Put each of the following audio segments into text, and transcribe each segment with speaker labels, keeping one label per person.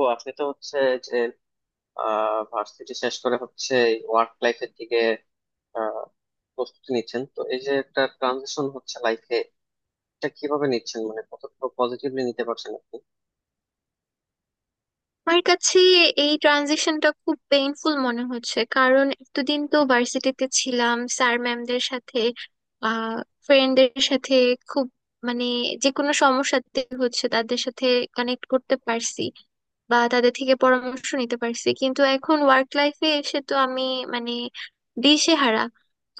Speaker 1: ও আপনি তো হচ্ছে যে ভার্সিটি শেষ করে হচ্ছে ওয়ার্ক লাইফের দিকে আহ, প্রস্তুতি নিচ্ছেন। তো এই যে একটা ট্রানজিশন হচ্ছে লাইফে, এটা কিভাবে নিচ্ছেন, মানে কতটুকু পজিটিভলি নিতে পারছেন আপনি?
Speaker 2: আমার কাছে এই ট্রানজিশনটা খুব পেইনফুল মনে হচ্ছে। কারণ এতদিন তো ভার্সিটিতে ছিলাম, স্যার ম্যামদের সাথে, আহ ফ্রেন্ডদের সাথে, খুব, মানে যে কোনো সমস্যাতে হচ্ছে তাদের সাথে কানেক্ট করতে পারছি বা তাদের থেকে পরামর্শ নিতে পারছি। কিন্তু এখন ওয়ার্ক লাইফে এসে তো আমি, মানে, দিশেহারা।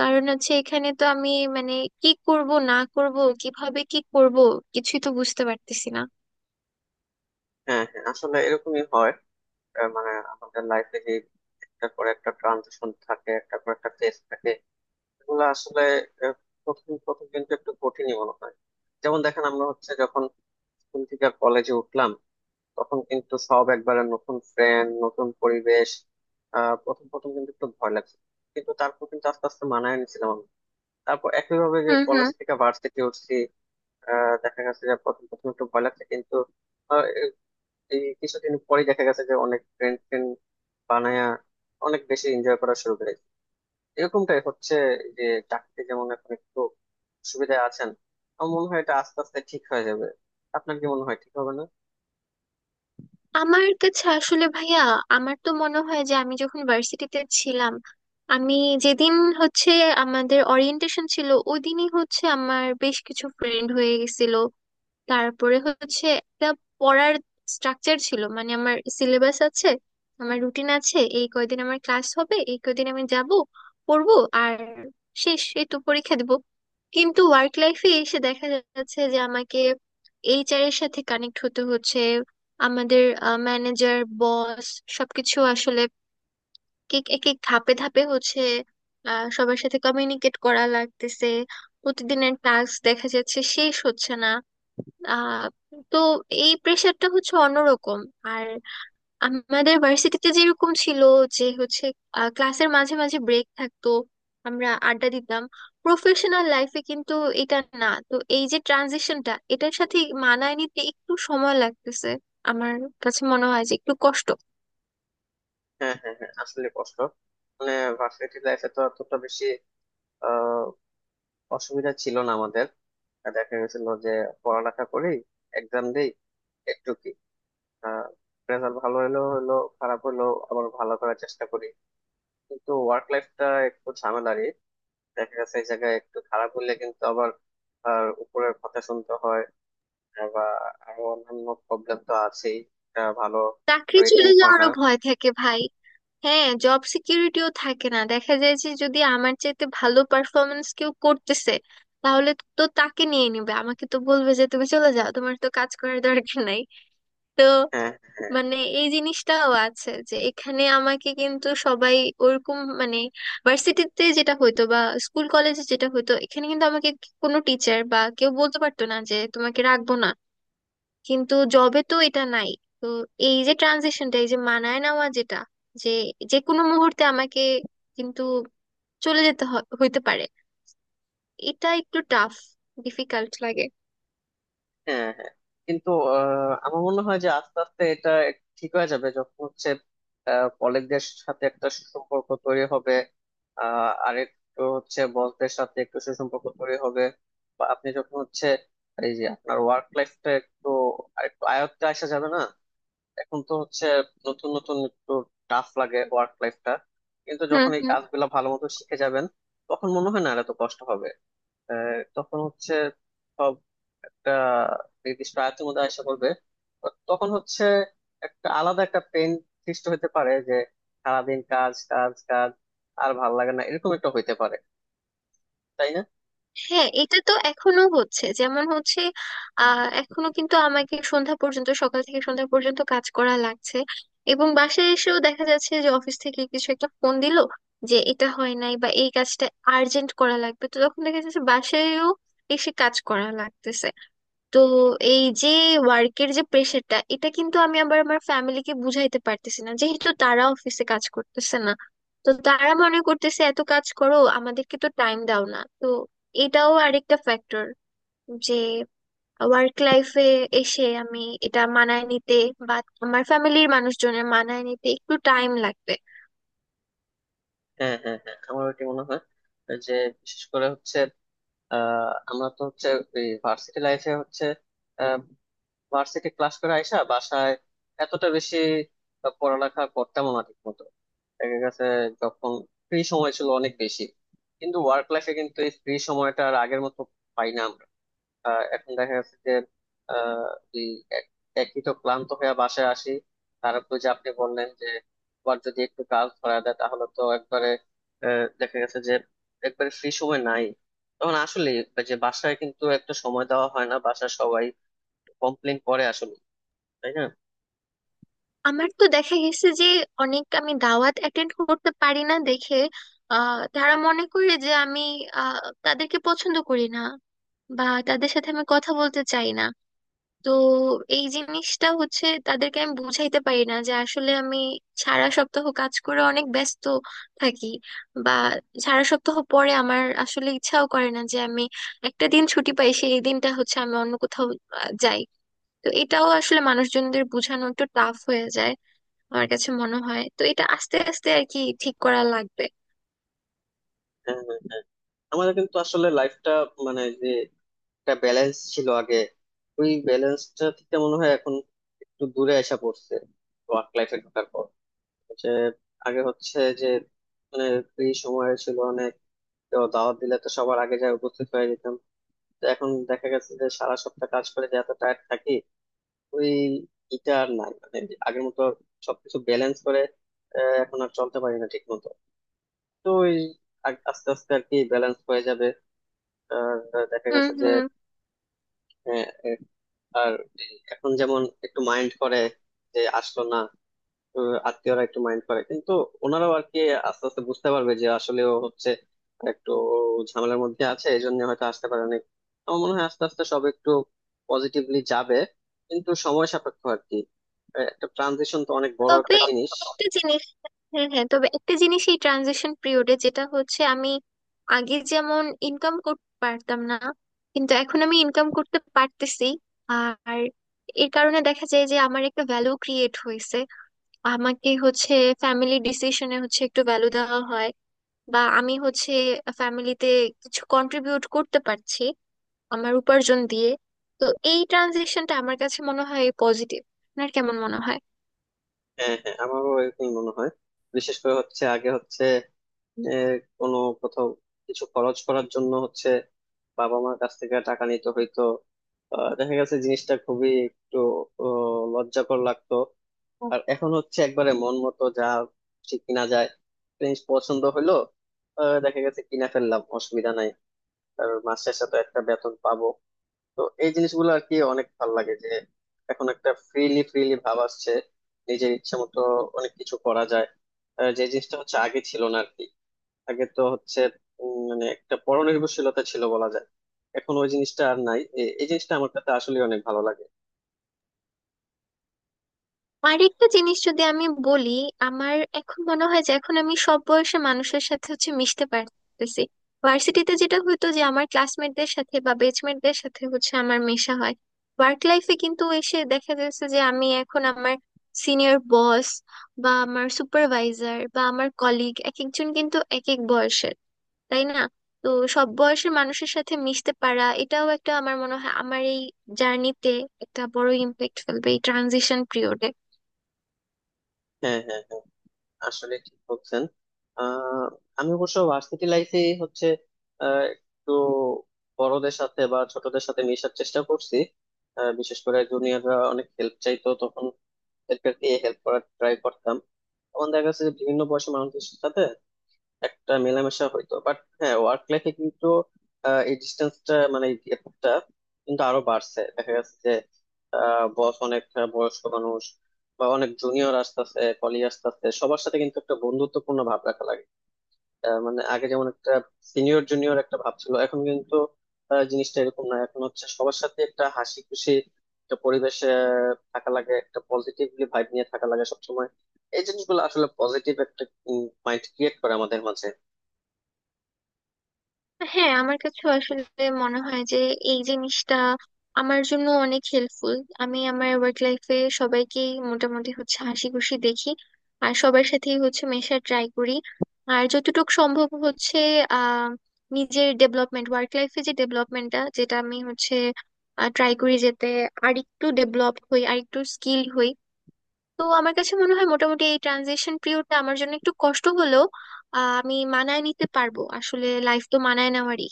Speaker 2: কারণ হচ্ছে এখানে তো আমি, মানে, কি করব না করব, কিভাবে কি করব, কিছুই তো বুঝতে পারতেছি না।
Speaker 1: হ্যাঁ হ্যাঁ, আসলে এরকমই হয়। মানে আমাদের লাইফে যে একটা করে একটা ট্রানজিশন থাকে, একটা করে একটা ফেজ থাকে, এগুলো আসলে আহ, প্রথম প্রথম কিন্তু একটু কঠিনই মনে হয়। যেমন দেখেন, আমরা হচ্ছে যখন স্কুল থেকে কলেজে উঠলাম তখন কিন্তু সব একবারে নতুন ফ্রেন্ড, নতুন পরিবেশ। প্রথম প্রথম কিন্তু একটু ভয় লাগছে, কিন্তু তারপর কিন্তু আস্তে আস্তে মানায় নিছিলাম আমি। তারপর একইভাবে যে
Speaker 2: হুম
Speaker 1: কলেজ
Speaker 2: হুম।
Speaker 1: থেকে ভার্সিটি উঠছি, দেখা গেছে যে প্রথম প্রথম একটু ভয় লাগছে, কিন্তু আহ, এ- এই কিছুদিন পরে দেখা গেছে যে অনেক ফ্রেন্ড ফ্রেন্ড বানায়া অনেক বেশি এনজয় করা শুরু করেছি। এরকমটাই হচ্ছে যে চাকরিতে যেমন এখন একটু সুবিধা আছেন, আমার মনে হয় এটা আস্তে আস্তে ঠিক হয়ে যাবে। আপনার কি মনে হয়, ঠিক হবে না?
Speaker 2: আমার কাছে আসলে ভাইয়া, আমার তো মনে হয় যে আমি যখন ভার্সিটিতে ছিলাম, আমি যেদিন হচ্ছে আমাদের ওরিয়েন্টেশন ছিল ওই দিনই হচ্ছে আমার বেশ কিছু ফ্রেন্ড হয়ে গেছিল। তারপরে হচ্ছে একটা পড়ার স্ট্রাকচার ছিল, মানে আমার সিলেবাস আছে, আমার রুটিন আছে, এই কয়দিন আমার ক্লাস হবে, এই কয়দিন আমি যাব, পড়বো, আর শেষ এই তো পরীক্ষা দিব। কিন্তু ওয়ার্ক লাইফে এসে দেখা যাচ্ছে যে আমাকে এইচআর এর সাথে কানেক্ট হতে হচ্ছে, আমাদের ম্যানেজার, বস, সবকিছু আসলে এক এক এক ধাপে ধাপে হচ্ছে। সবার সাথে কমিউনিকেট করা লাগতেছে, প্রতিদিনের টাস্ক দেখা যাচ্ছে শেষ হচ্ছে না। আহ তো এই প্রেশারটা হচ্ছে অন্যরকম। আর আমাদের ভার্সিটিতে যেরকম ছিল, যে হচ্ছে ক্লাসের মাঝে মাঝে ব্রেক থাকতো, আমরা আড্ডা দিতাম। প্রফেশনাল লাইফে কিন্তু এটা না। তো এই যে ট্রানজিশনটা, এটার সাথে মানায় নিতে একটু সময় লাগতেছে, আমার কাছে মনে হয় যে একটু কষ্ট।
Speaker 1: হ্যাঁ হ্যাঁ হ্যাঁ, আসলে কষ্ট, মানে ভার্সিটি লাইফে তো অতটা বেশি আহ, অসুবিধা ছিল না আমাদের। আর দেখা গেছিল যে পড়ালেখা করি, এক্সাম দেই, একটু কি রেজাল্ট ভালো হলো হলো, খারাপ হলো আবার ভালো করার চেষ্টা করি। কিন্তু ওয়ার্ক লাইফটা একটু ঝামেলারই, দেখা গেছে এই জায়গায় একটু খারাপ হলে কিন্তু আবার আর উপরের কথা শুনতে হয়, বা আরো অন্যান্য প্রবলেম তো আছেই, একটা ভালো
Speaker 2: চাকরি
Speaker 1: রেটিং
Speaker 2: চলে
Speaker 1: হয় না।
Speaker 2: যাওয়ারও ভয় থাকে ভাই। হ্যাঁ, জব সিকিউরিটিও থাকে না। দেখা যায় যে যদি আমার চাইতে ভালো পারফরমেন্স কেউ করতেছে, তাহলে তো তাকে নিয়ে নিবে, আমাকে তো বলবে যে তুমি চলে যাও, তোমার তো কাজ করার দরকার নাই। তো
Speaker 1: হ্যাঁ হ্যাঁ।
Speaker 2: মানে এই জিনিসটাও আছে যে এখানে আমাকে কিন্তু সবাই ওরকম, মানে ভার্সিটিতে যেটা হইতো বা স্কুল কলেজে যেটা হইতো, এখানে কিন্তু আমাকে কোনো টিচার বা কেউ বলতে পারতো না যে তোমাকে রাখবো না। কিন্তু জবে তো এটা নাই। তো এই যে ট্রানজিশনটা, এই যে মানায় নেওয়া, যেটা যে যে কোনো মুহূর্তে আমাকে কিন্তু চলে যেতে হইতে পারে, এটা একটু টাফ, ডিফিকাল্ট লাগে।
Speaker 1: হ্যাঁ হ্যাঁ, কিন্তু আমার মনে হয় যে আস্তে আস্তে এটা ঠিক হয়ে যাবে, যখন হচ্ছে কলিগদের সাথে একটা সুসম্পর্ক তৈরি হবে, আর একটু হচ্ছে বসদের সাথে একটু সুসম্পর্ক তৈরি হবে, বা আপনি যখন হচ্ছে এই যে আপনার ওয়ার্ক লাইফটা একটু আরেকটু আয়ত্তে আসা যাবে না। এখন তো হচ্ছে নতুন নতুন, একটু টাফ লাগে ওয়ার্ক লাইফটা, কিন্তু
Speaker 2: হুম
Speaker 1: যখন এই
Speaker 2: হুম।
Speaker 1: কাজগুলো ভালো মতো শিখে যাবেন তখন মনে হয় না আর এত কষ্ট হবে। তখন হচ্ছে সব একটা নির্দিষ্ট আয়ত্তের মধ্যে আসা পড়বে। তো তখন হচ্ছে একটা আলাদা একটা পেন সৃষ্টি হতে পারে যে সারাদিন কাজ কাজ কাজ, আর ভাল লাগে না, এরকম একটা হইতে পারে, তাই না?
Speaker 2: হ্যাঁ, এটা তো এখনো হচ্ছে, যেমন হচ্ছে এখনো কিন্তু আমাকে সন্ধ্যা পর্যন্ত, সকাল থেকে সন্ধ্যা পর্যন্ত কাজ করা লাগছে। এবং বাসায় এসেও দেখা যাচ্ছে যে অফিস থেকে কিছু একটা ফোন দিল যে এটা হয় নাই বা এই কাজটা আর্জেন্ট করা লাগবে, তো তখন দেখা যাচ্ছে বাসায়ও এসে কাজ করা লাগতেছে। তো এই যে ওয়ার্কের যে প্রেশারটা, এটা কিন্তু আমি আবার আমার ফ্যামিলিকে বুঝাইতে পারতেছি না, যেহেতু তারা অফিসে কাজ করতেছে না। তো তারা মনে করতেছে এত কাজ করো, আমাদেরকে তো টাইম দাও না। তো এটাও আরেকটা ফ্যাক্টর যে ওয়ার্ক লাইফে এসে আমি এটা মানায় নিতে বা আমার ফ্যামিলির মানুষজনের মানায় নিতে একটু টাইম লাগবে।
Speaker 1: হ্যাঁ হ্যাঁ হ্যাঁ, আমার ওইটি মনে হয় যে বিশেষ করে হচ্ছে আমরা তো হচ্ছে ভার্সিটি লাইফে হচ্ছে আহ ভার্সিটি ক্লাস করে আইসা বাসায় এতটা বেশি পড়ালেখা করতাম না ঠিক। দেখা গেছে, যখন ফ্রি সময় ছিল অনেক বেশি, কিন্তু ওয়ার্ক লাইফে কিন্তু এই ফ্রি সময়টা আর আগের মতো পাই না আমরা। এখন দেখা গেছে যে আহ, এই এক- একই তো ক্লান্ত হয়ে বাসায় আসি, তারপর যে আপনি বললেন যে আবার যদি একটু কাজ ধরা দেয় তাহলে তো একবারে দেখা গেছে যে একবারে ফ্রি সময় নাই। তখন আসলে যে বাসায় কিন্তু একটা সময় দেওয়া হয় না, বাসায় সবাই কমপ্লেন করে আসলে, তাই না?
Speaker 2: আমার তো দেখা গেছে যে অনেক আমি দাওয়াত অ্যাটেন্ড করতে পারি না দেখে তারা মনে করে যে আমি আহ তাদেরকে পছন্দ করি না বা তাদের সাথে আমি কথা বলতে চাই না। তো এই জিনিসটা হচ্ছে তাদেরকে আমি বুঝাইতে পারি না যে আসলে আমি সারা সপ্তাহ কাজ করে অনেক ব্যস্ত থাকি, বা সারা সপ্তাহ পরে আমার আসলে ইচ্ছাও করে না যে আমি, একটা দিন ছুটি পাই সেই দিনটা হচ্ছে আমি অন্য কোথাও যাই। তো এটাও আসলে মানুষজনদের বোঝানো একটু টাফ হয়ে যায়। আমার কাছে মনে হয় তো এটা আস্তে আস্তে আর কি ঠিক করা লাগবে।
Speaker 1: হ্যাঁ হ্যাঁ হ্যাঁ। আমাদের কিন্তু আসলে লাইফটা, মানে যে একটা ব্যালেন্স ছিল আগে, ওই ব্যালেন্সটা থেকে মনে হয় এখন একটু দূরে এসে পড়ছে ওয়ার্ক লাইফে ঢোকার পর। যে আগে হচ্ছে যে মানে ফ্রি সময় ছিল অনেক, তো দাওয়াত দিলে তো সবার আগে যায় উপস্থিত হয়ে যেতাম। তো এখন দেখা গেছে যে সারা সপ্তাহ কাজ করে যে এত টায়ার্ড থাকি, ওই এটা আর নাই, মানে যে আগের মতো সবকিছু ব্যালেন্স করে এখন আর চলতে পারি না ঠিক মতো। তো ওই আস্তে আস্তে আর কি ব্যালেন্স হয়ে যাবে। আর দেখা
Speaker 2: হুম
Speaker 1: গেছে
Speaker 2: হুম।
Speaker 1: যে আর এই এখন যেমন একটু মাইন্ড করে যে আসলো না, আত্মীয়রা একটু মাইন্ড করে, কিন্তু ওনারাও আর কি আস্তে আস্তে বুঝতে পারবে যে আসলে ও হচ্ছে একটু ঝামেলার মধ্যে আছে, এই জন্য হয়তো আসতে পারেনি। আমার মনে হয় আস্তে আস্তে সব একটু পজিটিভলি যাবে, কিন্তু সময় সাপেক্ষ আর কি। একটা ট্রানজিশন তো অনেক বড়
Speaker 2: তবে
Speaker 1: একটা জিনিস।
Speaker 2: একটা জিনিস, হ্যাঁ হ্যাঁ, তবে একটা জিনিস এই ট্রানজিশন পিরিয়ডে যেটা হচ্ছে, আমি আগে যেমন ইনকাম করতে পারতাম না, কিন্তু এখন আমি ইনকাম করতে পারতেছি। আর এর কারণে দেখা যায় যে আমার একটা ভ্যালু ক্রিয়েট হয়েছে, আমাকে হচ্ছে ফ্যামিলি ডিসিশনে হচ্ছে একটু ভ্যালু দেওয়া হয়, বা আমি হচ্ছে ফ্যামিলিতে কিছু কন্ট্রিবিউট করতে পারছি আমার উপার্জন দিয়ে। তো এই ট্রানজিশনটা আমার কাছে মনে হয় পজিটিভ। আপনার কেমন মনে হয়?
Speaker 1: হ্যাঁ হ্যাঁ, আমারও এরকমই মনে হয়। বিশেষ করে হচ্ছে আগে হচ্ছে আহ, কোনো কোথাও কিছু খরচ করার জন্য হচ্ছে বাবা মার কাছ থেকে টাকা নিতে হইতো। দেখা গেছে জিনিসটা খুবই একটু লজ্জাকর লাগতো। আর এখন হচ্ছে একবারে মন মতো যা ঠিক কিনা যায়, জিনিস পছন্দ হইলো দেখা গেছে কিনা ফেললাম, অসুবিধা নাই, আর মাস শেষে তো একটা বেতন পাবো। তো এই জিনিসগুলো আর কি অনেক ভালো লাগে, যে এখন একটা ফ্রিলি ফ্রিলি ভাব আসছে, নিজের ইচ্ছা মতো অনেক কিছু করা যায়, যে জিনিসটা হচ্ছে আগে ছিল না আর কি। আগে তো হচ্ছে মানে একটা পরনির্ভরশীলতা ছিল বলা যায়, এখন ওই জিনিসটা আর নাই। এই জিনিসটা আমার কাছে আসলে অনেক ভালো লাগে।
Speaker 2: আরেকটা জিনিস যদি আমি বলি, আমার এখন মনে হয় যে এখন আমি সব বয়সের মানুষের সাথে হচ্ছে মিশতে পারতেছি। ভার্সিটিতে যেটা হতো, যে আমার ক্লাসমেটদের সাথে বা বেচমেটদের সাথে হচ্ছে আমার মেশা হয়। ওয়ার্ক লাইফে কিন্তু এসে দেখা যাচ্ছে যে আমি এখন আমার সিনিয়র বস বা আমার সুপারভাইজার বা আমার কলিগ, এক একজন কিন্তু এক এক বয়সের, তাই না? তো সব বয়সের মানুষের সাথে মিশতে পারা, এটাও একটা, আমার মনে হয় আমার এই জার্নিতে একটা বড় ইম্প্যাক্ট ফেলবে এই ট্রানজিশন পিরিয়ডে।
Speaker 1: হ্যাঁ হ্যাঁ হ্যাঁ, আসলে ঠিক বলছেন। আহ আমি অবশ্য ভার্সিটি লাইফে হচ্ছে একটু বড়দের সাথে বা ছোটদের সাথে মেশার চেষ্টা করছি। বিশেষ করে জুনিয়ররা অনেক হেল্প চাইতো তখন, এদেরকে হেল্প করার ট্রাই করতাম। তখন দেখা গেছে যে বিভিন্ন বয়সী মানুষের সাথে একটা মেলামেশা হইতো, বাট হ্যাঁ ওয়ার্ক লাইফে কিন্তু এই ডিস্টেন্সটা, মানে এই গ্যাপটা কিন্তু আরো বাড়ছে, দেখা যাচ্ছে যে বস অনেক বয়স্ক মানুষ, বা অনেক জুনিয়র আসতেছে, কলিগ আসতেছে, সবার সাথে কিন্তু একটা বন্ধুত্বপূর্ণ ভাব রাখা লাগে। মানে আগে যেমন একটা সিনিয়র জুনিয়র একটা ভাব ছিল, এখন কিন্তু জিনিসটা এরকম না। এখন হচ্ছে সবার সাথে একটা হাসি খুশি একটা পরিবেশে থাকা লাগে, একটা পজিটিভলি ভাইব নিয়ে থাকা লাগে সবসময়। এই জিনিসগুলো আসলে পজিটিভ একটা মাইন্ড ক্রিয়েট করে আমাদের মাঝে।
Speaker 2: হ্যাঁ, আমার কাছে আসলে মনে হয় যে এই জিনিসটা আমার জন্য অনেক হেল্পফুল। আমি আমার ওয়ার্ক লাইফে সবাইকেই মোটামুটি হচ্ছে হাসি খুশি দেখি, আর সবার সাথেই হচ্ছে মেশার ট্রাই করি। আর যতটুকু সম্ভব হচ্ছে আহ নিজের ডেভেলপমেন্ট, ওয়ার্ক লাইফে যে ডেভেলপমেন্টটা, যেটা আমি হচ্ছে ট্রাই করি যেতে আরেকটু ডেভেলপ হই, আরেকটু স্কিল হই। তো আমার কাছে মনে হয় মোটামুটি এই ট্রানজিশন পিরিয়ডটা আমার জন্য একটু কষ্ট হলেও আমি মানায় নিতে পারবো। আসলে লাইফ তো মানায় নেওয়ারই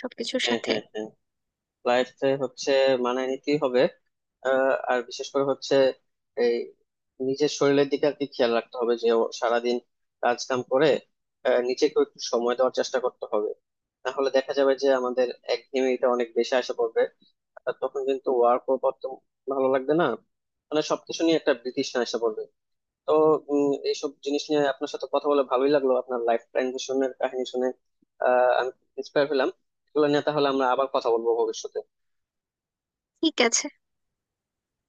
Speaker 2: সবকিছুর
Speaker 1: হ্যাঁ
Speaker 2: সাথে।
Speaker 1: হ্যাঁ হ্যাঁ, লাইফে হচ্ছে মানায় নিতেই হবে। আর বিশেষ করে হচ্ছে এই নিজের শরীরের দিকে আর কি খেয়াল রাখতে হবে, যে ও সারাদিন কাজ কাম করে নিজেকে একটু সময় দেওয়ার চেষ্টা করতে হবে। তাহলে দেখা যাবে যে আমাদের একঘেয়েমিটা অনেক বেশি আসে পড়বে, আর তখন কিন্তু ওয়ার্কও করতে ভালো লাগবে না, মানে সবকিছু নিয়ে একটা বিতৃষ্ণা এসে পড়বে। তো উম, এইসব জিনিস নিয়ে আপনার সাথে কথা বলে ভালোই লাগলো, আপনার লাইফ ট্রানজিশনের কাহিনী শুনে আমি ইন্সপায়ার হলাম। এগুলো নিয়ে তাহলে আমরা আবার কথা বলবো ভবিষ্যতে।
Speaker 2: ঠিক আছে।